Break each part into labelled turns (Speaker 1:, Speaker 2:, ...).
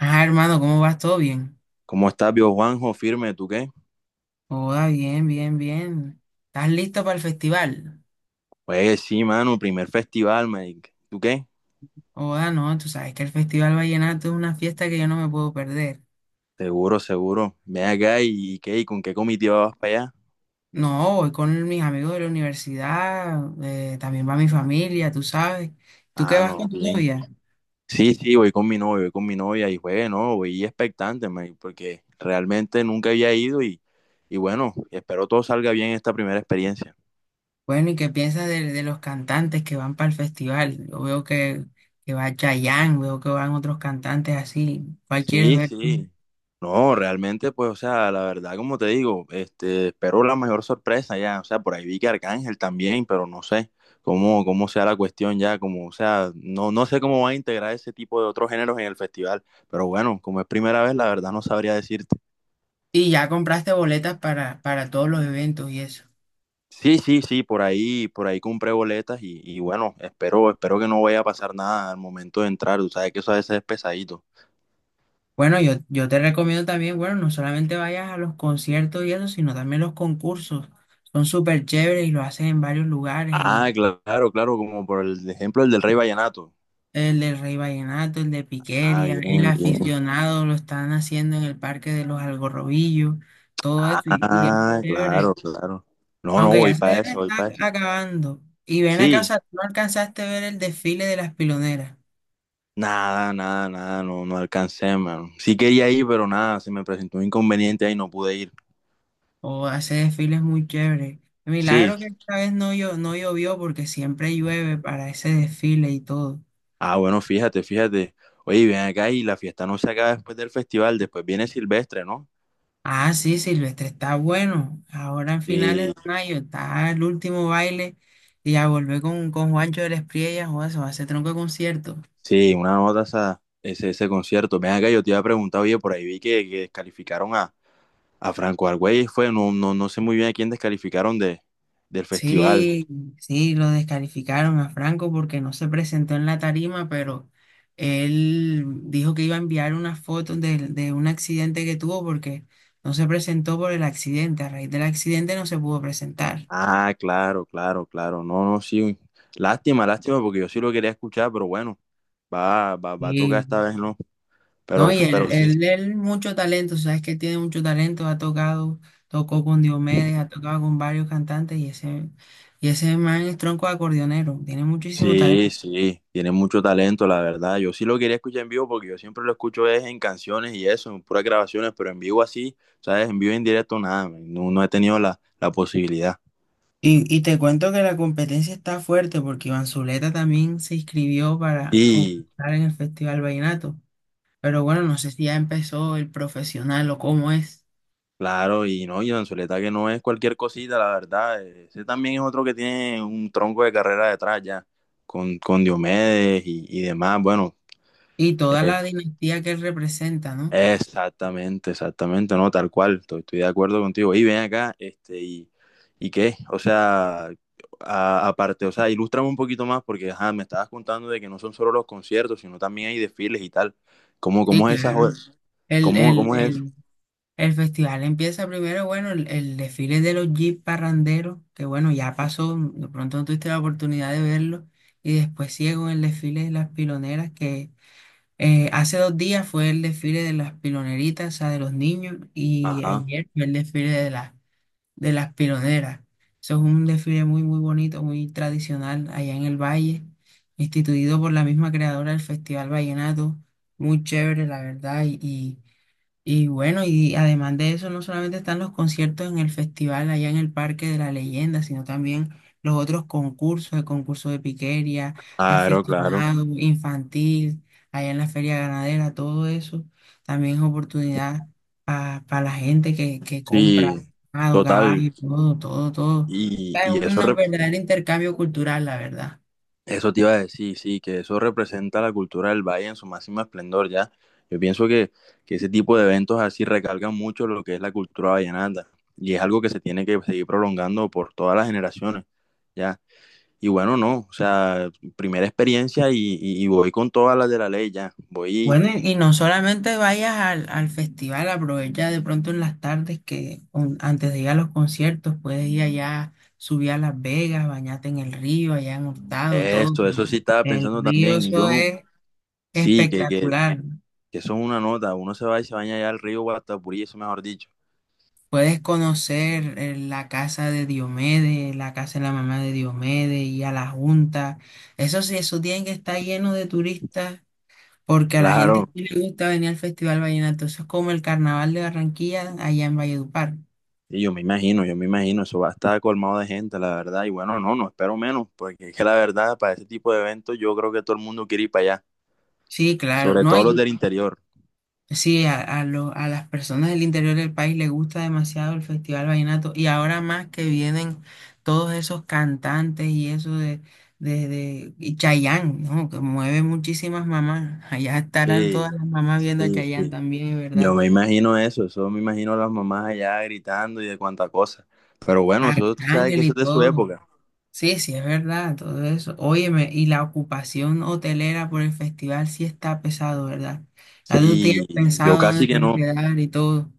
Speaker 1: Ah, hermano, ¿cómo vas? ¿Todo bien?
Speaker 2: ¿Cómo estás, viejo Juanjo? Firme, ¿tú qué?
Speaker 1: Oda, bien. ¿Estás listo para el festival?
Speaker 2: Pues sí, mano, primer festival, Mike. ¿Tú qué?
Speaker 1: Oda, no, tú sabes que el Festival Vallenato es una fiesta que yo no me puedo perder.
Speaker 2: Seguro, seguro. Ven acá y qué, ¿y con qué comitiva vas para allá?
Speaker 1: No, voy con mis amigos de la universidad, también va mi familia, tú sabes. ¿Tú qué
Speaker 2: Ah,
Speaker 1: vas con
Speaker 2: no,
Speaker 1: tu
Speaker 2: bien.
Speaker 1: novia?
Speaker 2: Sí, sí, voy con mi novia, voy con mi novia y pues, no, voy expectante, Mike, porque realmente nunca había ido y bueno, espero todo salga bien esta primera experiencia.
Speaker 1: Bueno, ¿y qué piensas de los cantantes que van para el festival? Yo veo que va Chayanne, veo que van otros cantantes así. ¿Cuál quieres
Speaker 2: Sí,
Speaker 1: ver tú?
Speaker 2: sí. No, realmente, pues, o sea, la verdad, como te digo, espero la mayor sorpresa ya. O sea, por ahí vi que Arcángel también, pero no sé cómo sea la cuestión ya, como, o sea, no sé cómo va a integrar ese tipo de otros géneros en el festival. Pero bueno, como es primera vez, la verdad no sabría decirte.
Speaker 1: Y ya compraste boletas para todos los eventos y eso.
Speaker 2: Sí, sí, sí, por ahí compré boletas y bueno, espero, espero que no vaya a pasar nada al momento de entrar. Tú sabes que eso a veces es pesadito.
Speaker 1: Bueno, yo te recomiendo también, bueno, no solamente vayas a los conciertos y eso, sino también los concursos. Son súper chéveres y lo hacen en varios lugares,
Speaker 2: Ah,
Speaker 1: en
Speaker 2: claro, claro, como por el ejemplo el del Rey Vallenato.
Speaker 1: el del Rey Vallenato, el de
Speaker 2: Ah,
Speaker 1: Piqueria, el
Speaker 2: bien, bien.
Speaker 1: aficionado lo están haciendo en el Parque de los Algarrobillos, todo eso y es
Speaker 2: Ah,
Speaker 1: chévere.
Speaker 2: claro, claro. No, no,
Speaker 1: Aunque ya
Speaker 2: voy
Speaker 1: se
Speaker 2: para
Speaker 1: debe
Speaker 2: eso, voy para
Speaker 1: estar
Speaker 2: eso.
Speaker 1: acabando. Y ven acá, o
Speaker 2: Sí,
Speaker 1: sea, tú no alcanzaste a ver el desfile de las piloneras.
Speaker 2: nada, nada, nada, no, no alcancé, mano. Sí quería ir, pero nada, se me presentó un inconveniente ahí, no pude ir.
Speaker 1: O ese desfile es muy chévere.
Speaker 2: Sí.
Speaker 1: Milagro que esta vez no, no llovió porque siempre llueve para ese desfile y todo.
Speaker 2: Ah, bueno, fíjate, fíjate. Oye, ven acá y la fiesta no se acaba después del festival, después viene Silvestre, ¿no?
Speaker 1: Ah, sí, Silvestre, está bueno. Ahora en finales
Speaker 2: Sí,
Speaker 1: de mayo está el último baile y a volver con Juancho de la Espriella, o eso va a ser tronco de concierto.
Speaker 2: sí, una nota esa, ese concierto. Ven acá, yo te iba a preguntar, oye, por ahí vi que descalificaron a Franco Argüelles, fue, no, no, no sé muy bien a quién descalificaron de, del festival.
Speaker 1: Sí, sí, lo descalificaron a Franco porque no se presentó en la tarima, pero él dijo que iba a enviar unas fotos de un accidente que tuvo porque no se presentó por el accidente. A raíz del accidente no se pudo presentar.
Speaker 2: Ah, claro, claro, claro. No, no, sí. Uy. Lástima, lástima, porque yo sí lo quería escuchar, pero bueno, va a tocar esta
Speaker 1: Sí.
Speaker 2: vez, ¿no?
Speaker 1: No, y
Speaker 2: Pero
Speaker 1: él,
Speaker 2: sí,
Speaker 1: él, él mucho talento, sabes que tiene mucho talento, ha tocado, tocó con Diomedes, ha tocado con varios cantantes y ese man es tronco de acordeonero, tiene muchísimo
Speaker 2: sí,
Speaker 1: talento.
Speaker 2: sí. Tiene mucho talento, la verdad. Yo sí lo quería escuchar en vivo porque yo siempre lo escucho es en canciones y eso, en puras grabaciones, pero en vivo así, ¿sabes? En vivo en directo, nada, man, no, no he tenido la posibilidad.
Speaker 1: Y te cuento que la competencia está fuerte porque Iván Zuleta también se inscribió para
Speaker 2: Y,
Speaker 1: concursar en el Festival Vallenato. Pero bueno, no sé si ya empezó el profesional o cómo es.
Speaker 2: claro, y no, y Anzuleta que no es cualquier cosita, la verdad. Ese también es otro que tiene un tronco de carrera detrás ya, con Diomedes y demás. Bueno,
Speaker 1: Y toda
Speaker 2: eh,
Speaker 1: la dinastía que él representa, ¿no?
Speaker 2: exactamente, exactamente, no, tal cual, estoy de acuerdo contigo. Y ven acá, y qué, o sea, aparte, o sea, ilústrame un poquito más, porque ajá, me estabas contando de que no son solo los conciertos, sino también hay desfiles y tal. ¿Cómo,
Speaker 1: Sí,
Speaker 2: cómo es esa,
Speaker 1: claro. El,
Speaker 2: cómo,
Speaker 1: el,
Speaker 2: cómo es eso?
Speaker 1: el, el festival empieza primero, bueno, el desfile de los Jeep parranderos, que bueno, ya pasó, de pronto no tuviste la oportunidad de verlo. Y después sigue con el desfile de las piloneras que hace dos días fue el desfile de las piloneritas, o sea, de los niños, y
Speaker 2: Ajá,
Speaker 1: ayer fue el desfile de las piloneras. Eso es un desfile muy bonito, muy tradicional allá en el Valle, instituido por la misma creadora del Festival Vallenato. Muy chévere, la verdad, y bueno, y además de eso, no solamente están los conciertos en el festival allá en el Parque de la Leyenda, sino también los otros concursos, el concurso de piquería,
Speaker 2: claro, claro.
Speaker 1: aficionado, infantil, allá en la feria ganadera, todo eso también es oportunidad para la gente que compra
Speaker 2: Sí,
Speaker 1: ganado,
Speaker 2: total.
Speaker 1: caballo, todo, todo, todo.
Speaker 2: Y,
Speaker 1: Es
Speaker 2: y
Speaker 1: un
Speaker 2: eso, rep-
Speaker 1: verdadero intercambio cultural, la verdad.
Speaker 2: eso te iba a decir, sí, que eso representa la cultura del valle en su máximo esplendor, ¿ya? Yo pienso que ese tipo de eventos así recalcan mucho lo que es la cultura vallenata y es algo que se tiene que seguir prolongando por todas las generaciones, ¿ya? Y bueno, no, o sea, primera experiencia y voy con todas las de la ley, ya, voy,
Speaker 1: Bueno, y no solamente vayas al, al festival, aprovecha de pronto en las tardes que antes de ir a los conciertos puedes ir allá, subir a Las Vegas, bañarte en el río, allá en Hurtado, todo.
Speaker 2: esto, eso sí estaba
Speaker 1: El
Speaker 2: pensando
Speaker 1: río,
Speaker 2: también, yo
Speaker 1: eso
Speaker 2: no,
Speaker 1: es
Speaker 2: sí, que, que,
Speaker 1: espectacular.
Speaker 2: que eso es una nota, uno se va y se baña allá al río Guatapurí, eso mejor dicho,
Speaker 1: Puedes conocer la casa de Diomedes, la casa de la mamá de Diomedes y a la Junta. Eso sí, eso tiene que estar lleno de turistas. Porque a la gente
Speaker 2: claro.
Speaker 1: sí le gusta venir al Festival Vallenato, eso es como el Carnaval de Barranquilla allá en Valledupar.
Speaker 2: Y yo me imagino, eso va a estar colmado de gente, la verdad. Y bueno, no, no espero menos, porque es que la verdad, para ese tipo de eventos, yo creo que todo el mundo quiere ir para allá,
Speaker 1: Sí, claro,
Speaker 2: sobre
Speaker 1: no,
Speaker 2: todo los
Speaker 1: y
Speaker 2: del interior.
Speaker 1: sí, a las personas del interior del país les gusta demasiado el Festival Vallenato y ahora más que vienen todos esos cantantes y eso de y Chayanne, ¿no? Que mueve muchísimas mamás, allá estarán todas
Speaker 2: Sí,
Speaker 1: las mamás viendo a
Speaker 2: sí,
Speaker 1: Chayanne
Speaker 2: sí.
Speaker 1: también, es
Speaker 2: Yo
Speaker 1: verdad,
Speaker 2: me imagino eso, eso me imagino a las mamás allá gritando y de cuánta cosa. Pero bueno, eso tú sabes que
Speaker 1: Arcángel
Speaker 2: eso
Speaker 1: y
Speaker 2: es de su
Speaker 1: todo,
Speaker 2: época.
Speaker 1: sí, sí, es verdad, todo eso, óyeme, y la ocupación hotelera por el festival sí está pesado, ¿verdad? Ya tú tienes
Speaker 2: Sí, yo
Speaker 1: pensado
Speaker 2: casi
Speaker 1: dónde te
Speaker 2: que
Speaker 1: vas a
Speaker 2: no.
Speaker 1: quedar y todo.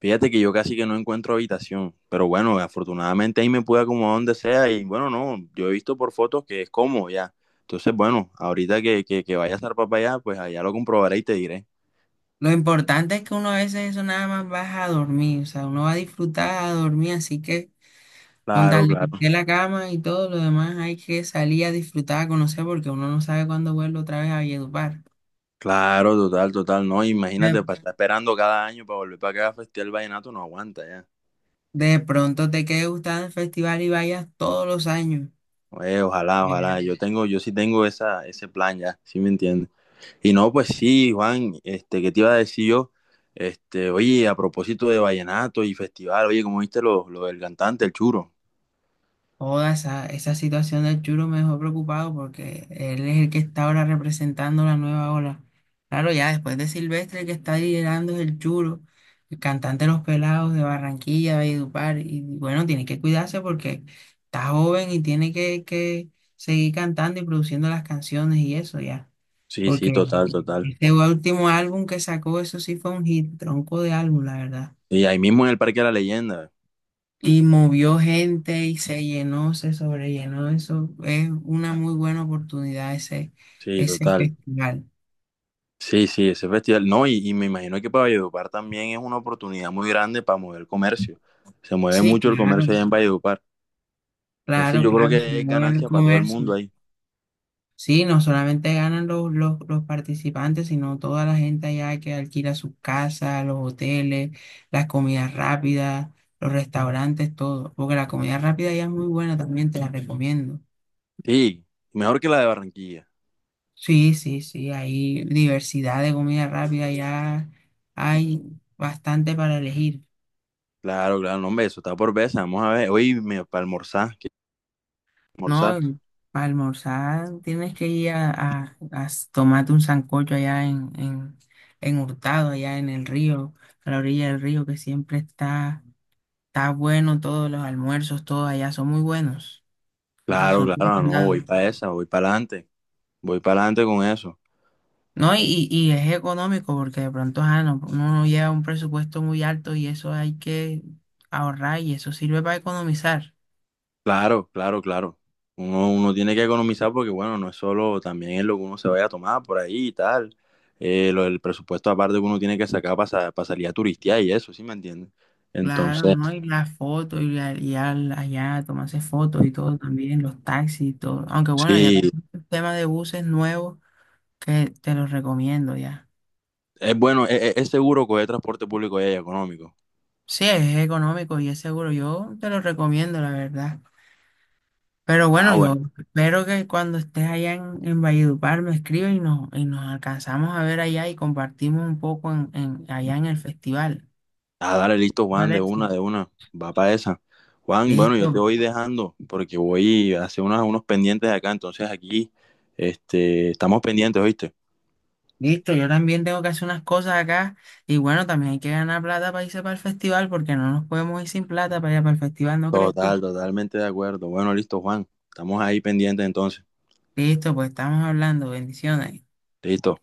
Speaker 2: Fíjate que yo casi que no encuentro habitación, pero bueno, afortunadamente ahí me pude acomodar donde sea y bueno, no, yo he visto por fotos que es cómodo ya. Entonces, bueno, ahorita que vaya a zarpar para allá, pues allá lo comprobaré y te diré.
Speaker 1: Lo importante es que uno a veces eso nada más baja a dormir, o sea, uno va a disfrutar a dormir, así que con
Speaker 2: Claro,
Speaker 1: tal de que
Speaker 2: claro,
Speaker 1: esté la cama y todo lo demás hay que salir a disfrutar, a conocer, porque uno no sabe cuándo vuelve otra vez a Valledupar.
Speaker 2: claro, total, total, no,
Speaker 1: De,
Speaker 2: imagínate, para estar esperando cada año para volver para acá a festear el vallenato no aguanta ya.
Speaker 1: de pronto te quede gustando el festival y vayas todos los años.
Speaker 2: Oye, ojalá, ojalá, yo tengo, yo sí tengo esa, ese plan ya, ¿sí me entiendes? Y no, pues sí, Juan, este, ¿qué te iba a decir yo? Este, oye, a propósito de vallenato y festival, oye, como viste lo del cantante, ¿el churo?
Speaker 1: Toda esa situación del Churo me dejó preocupado porque él es el que está ahora representando la nueva ola. Claro, ya después de Silvestre, el que está liderando es el Churo, el cantante de Los Pelados de Barranquilla, Valledupar. Y bueno, tiene que cuidarse porque está joven y tiene que seguir cantando y produciendo las canciones y eso ya.
Speaker 2: Sí, sí, total,
Speaker 1: Porque
Speaker 2: total.
Speaker 1: este último álbum que sacó, eso sí fue un hit, tronco de álbum, la verdad.
Speaker 2: Y ahí mismo en el Parque de la Leyenda.
Speaker 1: Y movió gente y se llenó, se sobrellenó. Eso es una muy buena oportunidad, ese,
Speaker 2: Sí,
Speaker 1: ese
Speaker 2: total.
Speaker 1: festival.
Speaker 2: Sí, sí, ese festival. No, y me imagino que para Valledupar también es una oportunidad muy grande para mover el comercio. Se mueve
Speaker 1: Sí,
Speaker 2: mucho el
Speaker 1: claro,
Speaker 2: comercio allá en Valledupar. Entonces
Speaker 1: claro,
Speaker 2: yo creo
Speaker 1: claro, se
Speaker 2: que es
Speaker 1: mueve el
Speaker 2: ganancia para todo el mundo
Speaker 1: comercio.
Speaker 2: ahí.
Speaker 1: Sí, no solamente ganan los participantes, sino toda la gente allá que alquila sus casas, los hoteles, las comidas rápidas, los restaurantes, todo. Porque la comida rápida ya es muy buena también, te la recomiendo.
Speaker 2: Sí, mejor que la de Barranquilla.
Speaker 1: Sí, hay diversidad de comida rápida, ya hay bastante para elegir,
Speaker 2: Claro, claro, no, hombre, eso está por veces. Vamos a ver, oye, para almorzar, ¿qué
Speaker 1: ¿no?
Speaker 2: almorzar?
Speaker 1: Y para almorzar tienes que ir a, tomarte un sancocho allá en Hurtado, allá en el río, a la orilla del río, que siempre está, está bueno, todos los almuerzos, todos allá son muy buenos,
Speaker 2: Claro,
Speaker 1: son
Speaker 2: claro, no, voy
Speaker 1: recomendados.
Speaker 2: para esa, voy para adelante con eso.
Speaker 1: No, y es económico porque de pronto no, uno no lleva un presupuesto muy alto y eso hay que ahorrar y eso sirve para economizar.
Speaker 2: Claro, claro, claro. Uno tiene que economizar porque, bueno, no es solo también es lo que uno se vaya a tomar por ahí y tal. Lo del presupuesto aparte que uno tiene que sacar para, salir a turistear y eso, ¿sí me entiendes?
Speaker 1: Claro,
Speaker 2: Entonces,
Speaker 1: ¿no? Y las fotos y, allá tomarse fotos y todo también, los taxis y todo. Aunque bueno, ya tengo
Speaker 2: sí,
Speaker 1: un tema de buses nuevos que te los recomiendo ya.
Speaker 2: es bueno, es seguro que el transporte público y económico.
Speaker 1: Sí, es económico y es seguro. Yo te lo recomiendo, la verdad. Pero
Speaker 2: Ah,
Speaker 1: bueno, yo
Speaker 2: bueno.
Speaker 1: espero que cuando estés allá en Valledupar me escribas y nos alcanzamos a ver allá y compartimos un poco en, allá en el festival.
Speaker 2: Ah, dale, listo,
Speaker 1: ¿Te
Speaker 2: Juan, de
Speaker 1: parece?
Speaker 2: una, de una. Va para esa. Juan, bueno, yo te
Speaker 1: Listo,
Speaker 2: voy dejando porque voy a hacer unos pendientes acá. Entonces aquí, estamos pendientes, ¿oíste?
Speaker 1: listo. Yo también tengo que hacer unas cosas acá y bueno, también hay que ganar plata para irse para el festival porque no nos podemos ir sin plata para allá para el festival, ¿no crees tú?
Speaker 2: Total, totalmente de acuerdo. Bueno, listo, Juan. Estamos ahí pendientes entonces.
Speaker 1: Listo, pues estamos hablando. Bendiciones.
Speaker 2: Listo.